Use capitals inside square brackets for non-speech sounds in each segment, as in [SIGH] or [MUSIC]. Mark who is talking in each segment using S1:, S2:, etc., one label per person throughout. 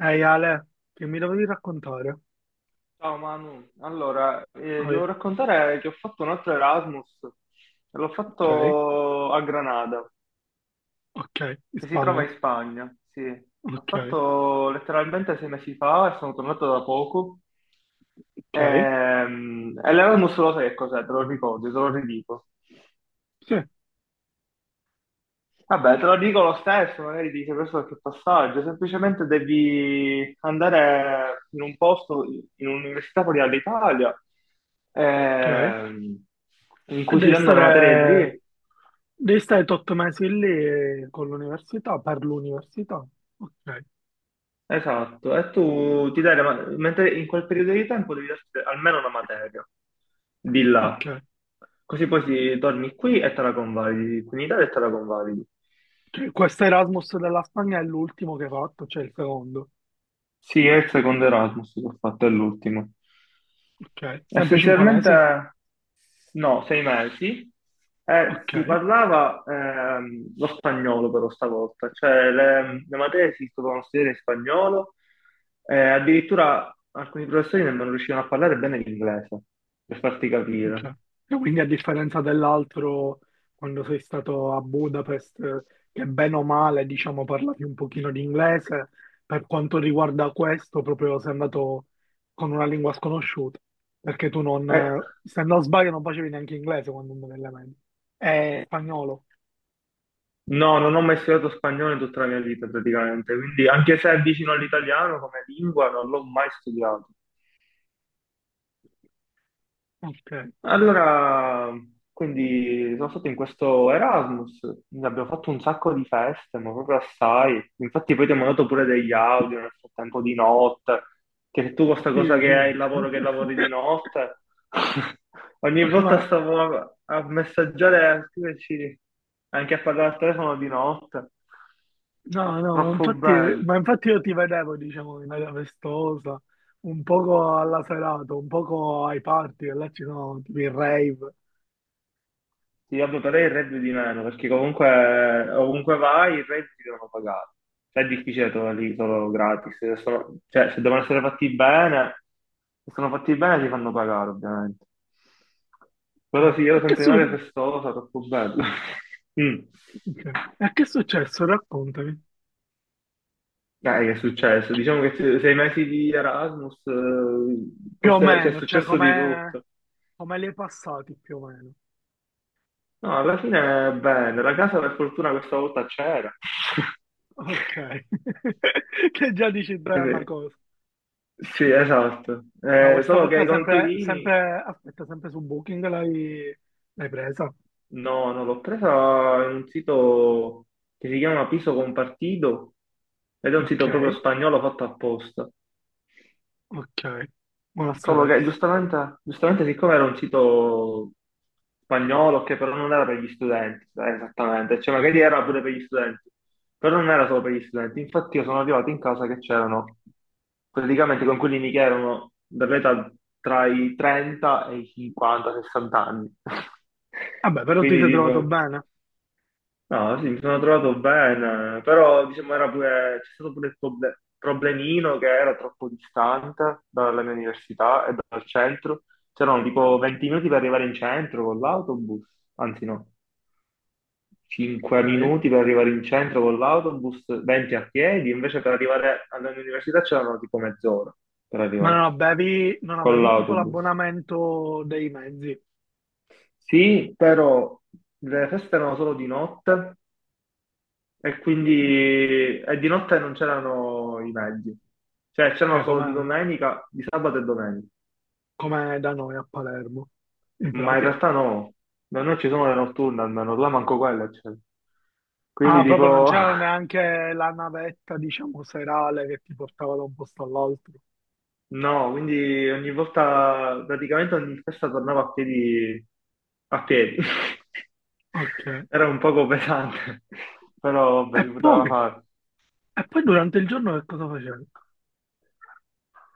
S1: Ehi Ale, che mi dovevi raccontare?
S2: Ciao Manu, allora, ti
S1: Ah,
S2: devo raccontare che ho fatto un altro Erasmus, l'ho
S1: ok.
S2: fatto a Granada,
S1: Ok, in
S2: che si trova
S1: Spagna.
S2: in Spagna, sì. L'ho
S1: Ok,
S2: fatto letteralmente sei mesi fa e sono tornato da poco.
S1: ok,
S2: E l'Erasmus lo sai che cos'è, te lo ricordi, te lo ridico.
S1: sì,
S2: Vabbè, te lo dico lo stesso, magari dice questo è che passaggio, semplicemente devi andare in un posto, in un'università fuori dall'Italia,
S1: ok.
S2: ehm, in
S1: E
S2: cui si danno le materie lì,
S1: devi stare 8 mesi lì con l'università, per l'università. Ok,
S2: esatto, e tu ti dai, mentre in quel periodo di tempo devi darti almeno una materia di là,
S1: ok.
S2: così poi torni qui e te la convalidi, qui in Italia e te la convalidi.
S1: Cioè, questo Erasmus della Spagna è l'ultimo che hai fatto, cioè il secondo.
S2: Sì, è il secondo Erasmus che ho fatto, è l'ultimo.
S1: Ok, sempre 5 mesi?
S2: Essenzialmente no, sei mesi. Eh,
S1: Ok.
S2: si parlava lo spagnolo però stavolta, cioè le materie si dovevano studiare in spagnolo, addirittura alcuni professori nemmeno riuscivano a parlare bene l'inglese, per farti capire.
S1: Cioè, e quindi a differenza dell'altro, quando sei stato a Budapest, che bene o male, diciamo, parlavi un pochino di inglese, per quanto riguarda questo, proprio sei andato con una lingua sconosciuta, perché tu non,
S2: Eh,
S1: se non sbaglio, non facevi neanche inglese quando andavi alle medie. Spagnolo.
S2: no, non ho mai studiato spagnolo in tutta la mia vita praticamente, quindi anche se è vicino all'italiano come lingua non l'ho mai studiato.
S1: Ok,
S2: Allora, quindi sono stato in questo Erasmus, ne abbiamo fatto un sacco di feste, ma proprio assai. Infatti poi ti ho mandato pure degli audio nel frattempo di notte, che se tu con questa
S1: sì,
S2: cosa che
S1: sì.
S2: hai il lavoro che lavori di notte, [LAUGHS] ogni
S1: [LAUGHS]
S2: volta
S1: Ma
S2: stavo a messaggiare e a scriverci anche a parlare al telefono di notte.
S1: no, no,
S2: Troppo bello.
S1: ma infatti io ti vedevo, diciamo, in aria festosa, un poco alla serata, un poco ai party, e là ci sono tipo i rave.
S2: Sì, vabbè, però il reddito di meno, perché comunque ovunque vai i redditi devono pagare. Cioè, è difficile trovarli solo gratis. Se sono- cioè, se devono essere fatti bene, se sono fatti bene ti fanno pagare, ovviamente. Però
S1: Cioè,
S2: sì, io
S1: e
S2: sono
S1: che,
S2: sempre in aria festosa, troppo bello. [LAUGHS] Mm.
S1: cioè, e che è successo? Raccontami.
S2: Dai, che è successo? Diciamo che sei mesi di Erasmus,
S1: Più o
S2: forse c'è
S1: meno, cioè,
S2: successo di
S1: come,
S2: tutto.
S1: come li hai passati, più o meno.
S2: No, alla fine è bene. La casa per fortuna questa volta c'era. [LAUGHS]
S1: Ok. [LAUGHS] Che già dici bene una
S2: Quindi-
S1: cosa.
S2: sì, esatto.
S1: Ma
S2: Eh,
S1: questa
S2: solo che
S1: volta
S2: i
S1: sempre,
S2: Conquirini,
S1: sempre, aspetta, sempre su Booking l'hai, l'hai presa?
S2: no, no, l'ho presa in un sito che si chiama Piso Compartido ed è un
S1: Ok,
S2: sito proprio spagnolo fatto apposta.
S1: ok. Buona a
S2: Trovo che
S1: sapersi.
S2: giustamente, giustamente, siccome era un sito spagnolo che però non era per gli studenti, esattamente, cioè magari era pure per gli studenti, però non era solo per gli studenti. Infatti io sono arrivato in casa che c'erano praticamente coinquilini che erano dall'età tra i 30 e i 50-60 anni.
S1: Vabbè,
S2: [LAUGHS]
S1: però ti
S2: Quindi
S1: sei trovato
S2: tipo.
S1: bene.
S2: No, sì, mi sono trovato bene, però diciamo era pure, c'è stato pure il problemino che era troppo distante dalla mia università e dal centro. C'erano tipo 20 minuti per arrivare in centro con l'autobus, anzi no, 5
S1: Ok.
S2: minuti per arrivare in centro con l'autobus, 20 a piedi, invece per arrivare alla mia università c'erano tipo mezz'ora per
S1: Ma non
S2: arrivarci
S1: avevi, non
S2: con
S1: avevi tipo
S2: l'autobus.
S1: l'abbonamento dei mezzi,
S2: Sì, però le feste erano solo di notte. E quindi e di notte non c'erano i mezzi, cioè
S1: cioè
S2: c'erano solo di
S1: come,
S2: domenica, di sabato e domenica,
S1: come da noi a Palermo, in
S2: ma in
S1: pratica.
S2: realtà no, da noi ci sono le notturne almeno, là manco quella c'è. Quindi
S1: Ah, proprio non
S2: tipo, [LAUGHS]
S1: c'era neanche la navetta, diciamo, serale che ti portava da un posto all'altro.
S2: no, quindi ogni volta, praticamente ogni festa tornavo a piedi, a piedi.
S1: Ok.
S2: [LAUGHS] Era un poco pesante, [LAUGHS] però
S1: E
S2: vabbè, si poteva
S1: poi,
S2: fare.
S1: e poi durante il giorno che cosa facevi?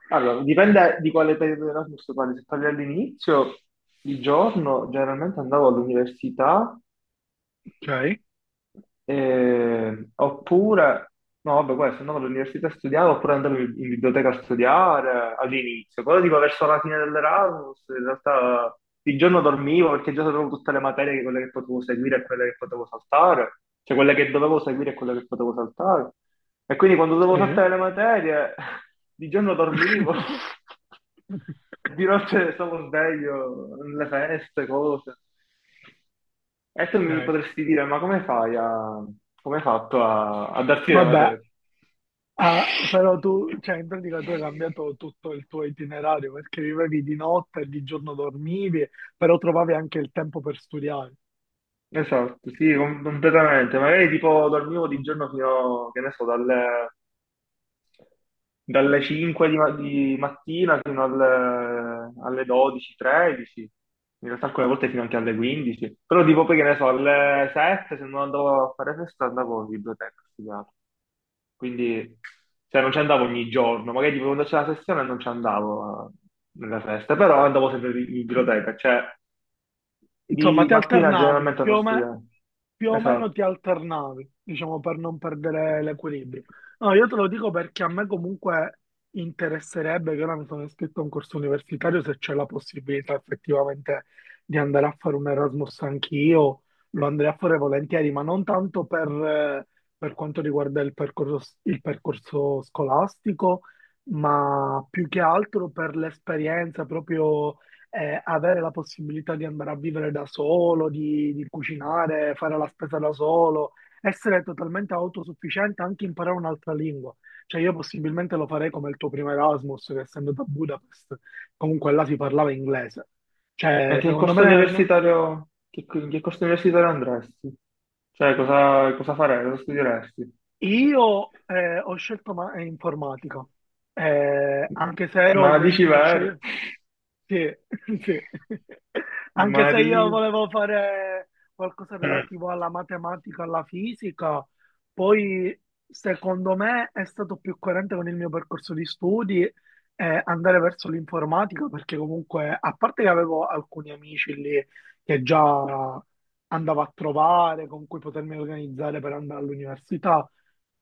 S2: Allora, dipende di quale periodo di Erasmus parli. Se parli all'inizio, di giorno, generalmente andavo all'università
S1: Ok,
S2: oppure, no, vabbè, questo andavo all'università a studiare, oppure andavo in biblioteca a studiare all'inizio, però tipo verso la fine dell'Erasmus, in realtà il giorno dormivo perché già sapevo tutte le materie, quelle che potevo seguire e quelle che potevo saltare, cioè quelle che dovevo seguire e quelle che potevo saltare. E quindi quando dovevo
S1: sì,
S2: saltare le materie, [LAUGHS] di giorno dormivo, [LAUGHS] di notte stavo sveglio, nelle feste, cose. E tu mi
S1: ok.
S2: potresti dire, ma come fai a... come hai fatto a darti la
S1: Vabbè,
S2: materia?
S1: ah, però tu, cioè in pratica tu hai
S2: [LAUGHS]
S1: cambiato tutto il tuo itinerario perché vivevi di notte e di giorno dormivi, però trovavi anche il tempo per studiare.
S2: Esatto, sì, completamente. Magari tipo dormivo di giorno fino, che ne so, dalle 5 di, di mattina fino alle 12, 13, in realtà alcune volte fino anche alle 15, però tipo poi che ne so, alle 7 se non andavo a fare festa andavo in biblioteca a studiare, quindi cioè, non ci andavo ogni giorno, magari tipo quando c'era la sessione non ci andavo nelle feste, però andavo sempre in biblioteca, cioè
S1: Insomma,
S2: di
S1: ti
S2: mattina
S1: alternavi,
S2: generalmente non studiavo,
S1: più o meno
S2: esatto.
S1: ti alternavi, diciamo, per non perdere l'equilibrio. No, io te lo dico perché a me comunque interesserebbe, che ora mi sono iscritto a un corso universitario, se c'è la possibilità effettivamente di andare a fare un Erasmus anch'io, lo andrei a fare volentieri, ma non tanto per quanto riguarda il percorso scolastico, ma più che altro per l'esperienza proprio avere la possibilità di andare a vivere da solo, di cucinare, fare la spesa da solo, essere totalmente autosufficiente, anche imparare un'altra lingua. Cioè io possibilmente lo farei come il tuo primo Erasmus, che essendo da Budapest, comunque là si parlava inglese.
S2: E
S1: Cioè,
S2: che
S1: secondo
S2: corso
S1: me, no?
S2: universitario, in che corso universitario andresti? Cioè, cosa farei? Cosa studieresti?
S1: Io ho scelto informatica, eh, anche se ero
S2: Ma dici
S1: indeciso se
S2: vero?
S1: scegliere.
S2: [LAUGHS]
S1: Sì, [LAUGHS] sì. Anche se io
S2: Maria.
S1: volevo fare qualcosa
S2: Mm.
S1: relativo alla matematica, alla fisica, poi secondo me è stato più coerente con il mio percorso di studi andare verso l'informatica, perché comunque, a parte che avevo alcuni amici lì che già andavo a trovare, con cui potermi organizzare per andare all'università,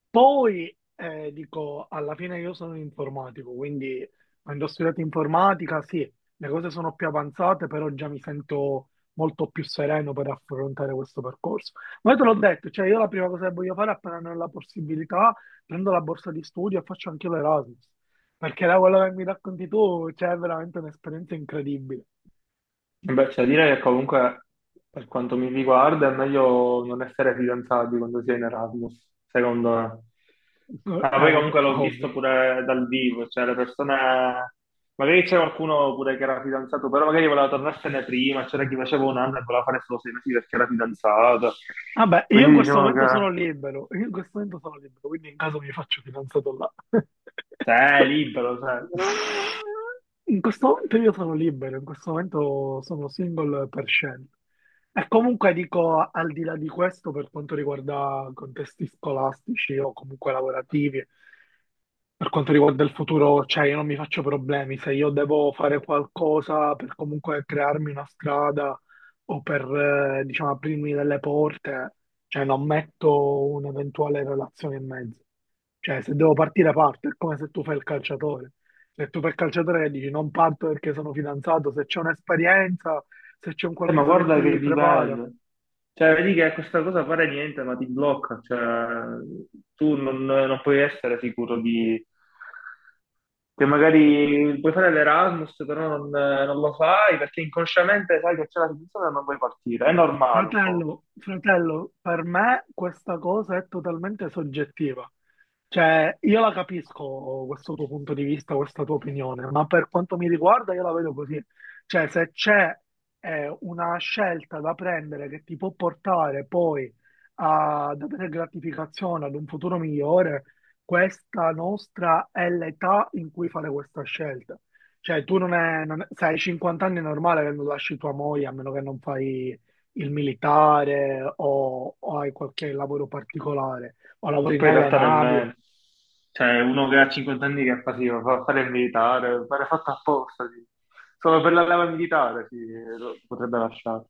S1: poi dico, alla fine io sono un informatico, quindi quando ho studiato informatica, sì, le cose sono più avanzate, però già mi sento molto più sereno per affrontare questo percorso. Ma io te l'ho detto, cioè io la prima cosa che voglio fare appena ne ho la possibilità, prendo la borsa di studio e faccio anche l'Erasmus, perché da quello che mi racconti tu, c'è veramente un'esperienza incredibile.
S2: Beh, c'è da dire che comunque, per quanto mi riguarda, è meglio non essere fidanzati quando si è in Erasmus, secondo me.
S1: [LAUGHS]
S2: Ma poi
S1: Vabbè,
S2: comunque l'ho
S1: ovvio.
S2: visto pure dal vivo, cioè le persone... Magari c'è qualcuno pure che era fidanzato, però magari voleva tornarsene prima, c'era chi faceva un anno e voleva fare solo sei mesi perché era fidanzato.
S1: Vabbè, io in
S2: Quindi
S1: questo
S2: diciamo che...
S1: momento sono libero, io in questo momento sono libero, quindi in caso mi faccio fidanzato là. [LAUGHS]
S2: Cioè, è libero, cioè. [LAUGHS]
S1: In questo momento io sono libero, in questo momento sono single per scelta. E comunque dico, al di là di questo, per quanto riguarda contesti scolastici o comunque lavorativi, per quanto riguarda il futuro, cioè io non mi faccio problemi se io devo fare qualcosa per comunque crearmi una strada o per, diciamo, aprirmi delle porte, cioè non metto un'eventuale relazione in mezzo. Cioè se devo partire parto, è come se tu fai il calciatore. Se tu fai il calciatore e dici non parto perché sono fidanzato, se c'è un'esperienza, se c'è un
S2: Ma
S1: qualcosa che
S2: guarda
S1: ti
S2: che
S1: prepara.
S2: dipende. Cioè, vedi che questa cosa fare niente, ma ti blocca. Cioè, tu non puoi essere sicuro di... che magari puoi fare l'Erasmus, però non lo fai perché inconsciamente sai che c'è la situazione e non vuoi partire. È normale un po'.
S1: Fratello, fratello, per me questa cosa è totalmente soggettiva. Cioè, io la capisco questo tuo punto di vista, questa tua opinione, ma per quanto mi riguarda io la vedo così. Cioè, se c'è una scelta da prendere che ti può portare poi ad avere gratificazione, ad un futuro migliore, questa nostra è l'età in cui fare questa scelta. Cioè, tu non è, se hai 50 anni è normale che non lasci tua moglie, a meno che non fai il militare o hai qualche lavoro particolare o
S2: Che
S1: lavori
S2: poi in
S1: nelle
S2: realtà
S1: navi.
S2: nemmeno. Cioè, uno che ha 50 anni che fa, sì, fa fare il militare, fare fatto apposta, sì. Solo per la leva militare, sì, lo potrebbe lasciare.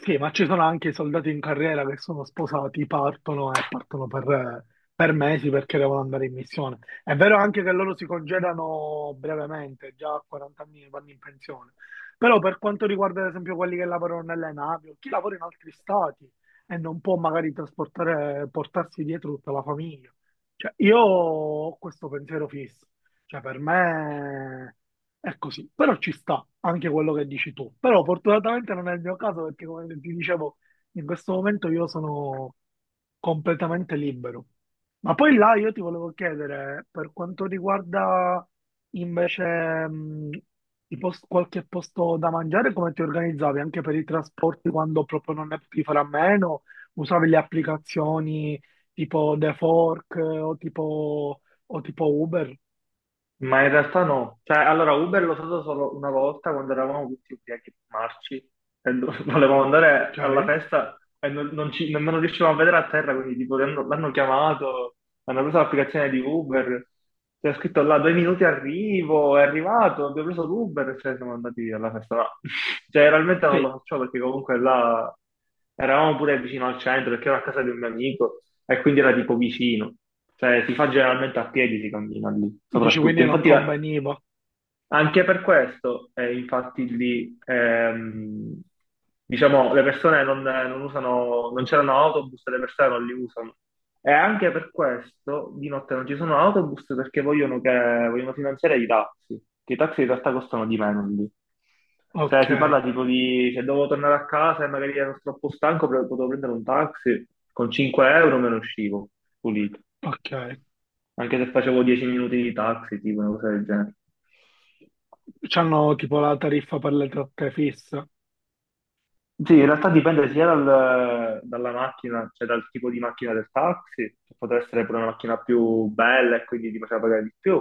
S1: Sì, ma ci sono anche i soldati in carriera che sono sposati, partono e partono per mesi perché devono andare in missione. È vero anche che loro si congedano brevemente, già a 40 anni vanno in pensione. Però per quanto riguarda ad esempio quelli che lavorano nelle navi o chi lavora in altri stati e non può magari trasportare, portarsi dietro tutta la famiglia. Cioè, io ho questo pensiero fisso. Cioè, per me è così, però ci sta anche quello che dici tu. Però fortunatamente non è il mio caso perché, come ti dicevo, in questo momento io sono completamente libero. Ma poi là io ti volevo chiedere, per quanto riguarda invece qualche posto da mangiare, come ti organizzavi anche per i trasporti quando proprio non ne potevi fare a meno? Usavi le applicazioni tipo The Fork o tipo Uber?
S2: Ma in realtà no, cioè allora Uber l'ho usato solo una volta quando eravamo tutti ubriachi marci e [LAUGHS] volevamo andare
S1: Ok,
S2: alla festa e non ci, nemmeno riuscivamo a vedere a terra, quindi tipo l'hanno chiamato, hanno preso l'applicazione di Uber, c'è scritto là due minuti arrivo, è arrivato, abbiamo preso l'Uber e cioè, siamo andati alla festa. No. [LAUGHS] Cioè realmente non
S1: sì,
S2: lo faccio perché comunque là eravamo pure vicino al centro perché ero a casa di un mio amico e quindi era tipo vicino. Cioè, si fa generalmente a piedi, si cammina lì,
S1: dici quindi
S2: soprattutto.
S1: non
S2: Infatti,
S1: conveniva.
S2: anche per questo, infatti, lì, diciamo, le persone non usano, non c'erano autobus, e le persone non li usano. E anche per questo di notte non ci sono autobus perché vogliono finanziare i taxi, che i taxi in realtà costano di meno lì. Cioè,
S1: Ok,
S2: si parla tipo di se devo tornare a casa e magari ero troppo stanco, potevo prendere un taxi, con 5 euro me ne uscivo, pulito.
S1: ok.
S2: Anche se facevo 10 minuti di taxi, tipo una cosa del genere.
S1: C'hanno tipo la tariffa per le tratte fissa.
S2: Sì, in realtà dipende sia dalla macchina, cioè dal tipo di macchina del taxi, che potrà essere pure una macchina più bella e quindi ti faceva pagare di più,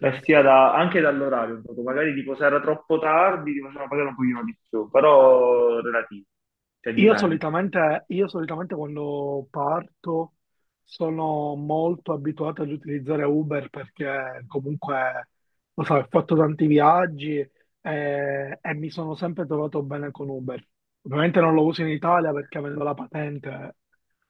S2: e sia anche dall'orario, un poco. Magari tipo se era troppo tardi ti faceva pagare un pochino di più, però relativo, cioè dipende.
S1: Io solitamente quando parto sono molto abituato ad utilizzare Uber perché comunque, lo so, ho fatto tanti viaggi e, mi sono sempre trovato bene con Uber. Ovviamente non lo uso in Italia perché avendo la patente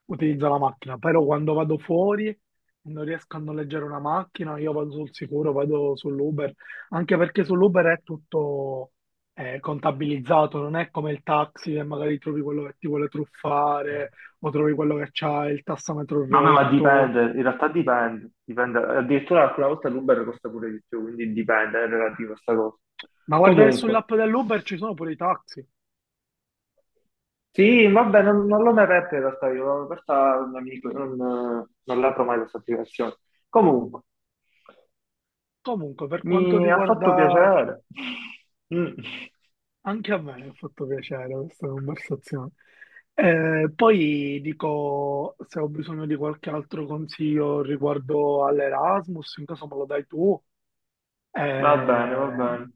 S1: utilizzo la macchina, però quando vado fuori e non riesco a noleggiare una macchina, io vado sul sicuro, vado sull'Uber, anche perché sull'Uber è tutto, è contabilizzato, non è come il taxi che magari trovi quello che ti vuole truffare o trovi quello che c'ha il tassametro
S2: Ma
S1: rotto.
S2: dipende, in realtà dipende, dipende. Addirittura alcune volte l'Uber costa pure di più, quindi dipende, è relativo a sta cosa.
S1: Ma guarda che
S2: Comunque.
S1: sull'app dell'Uber ci sono pure i taxi.
S2: Sì, vabbè, non l'ho mai aperta in realtà, io questa non, mi- non, non l'apro mai questa applicazione. Comunque,
S1: Comunque, per quanto
S2: mi ha fatto
S1: riguarda,
S2: piacere. Mm.
S1: anche a me, mi ha fatto piacere questa conversazione. Poi dico se ho bisogno di qualche altro consiglio riguardo all'Erasmus, in caso me lo dai tu,
S2: Va
S1: eh,
S2: bene, va bene.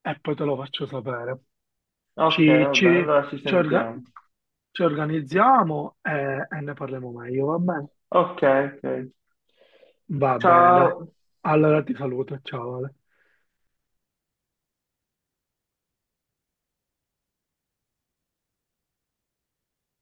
S1: e poi te lo faccio sapere.
S2: Ok,
S1: Ci,
S2: va bene,
S1: ci,
S2: allora ci
S1: ci orga-
S2: sentiamo.
S1: Ci organizziamo e ne parliamo meglio, va bene?
S2: Ok, ok.
S1: Va bene, dai.
S2: Ciao.
S1: Allora ti saluto, ciao Ale.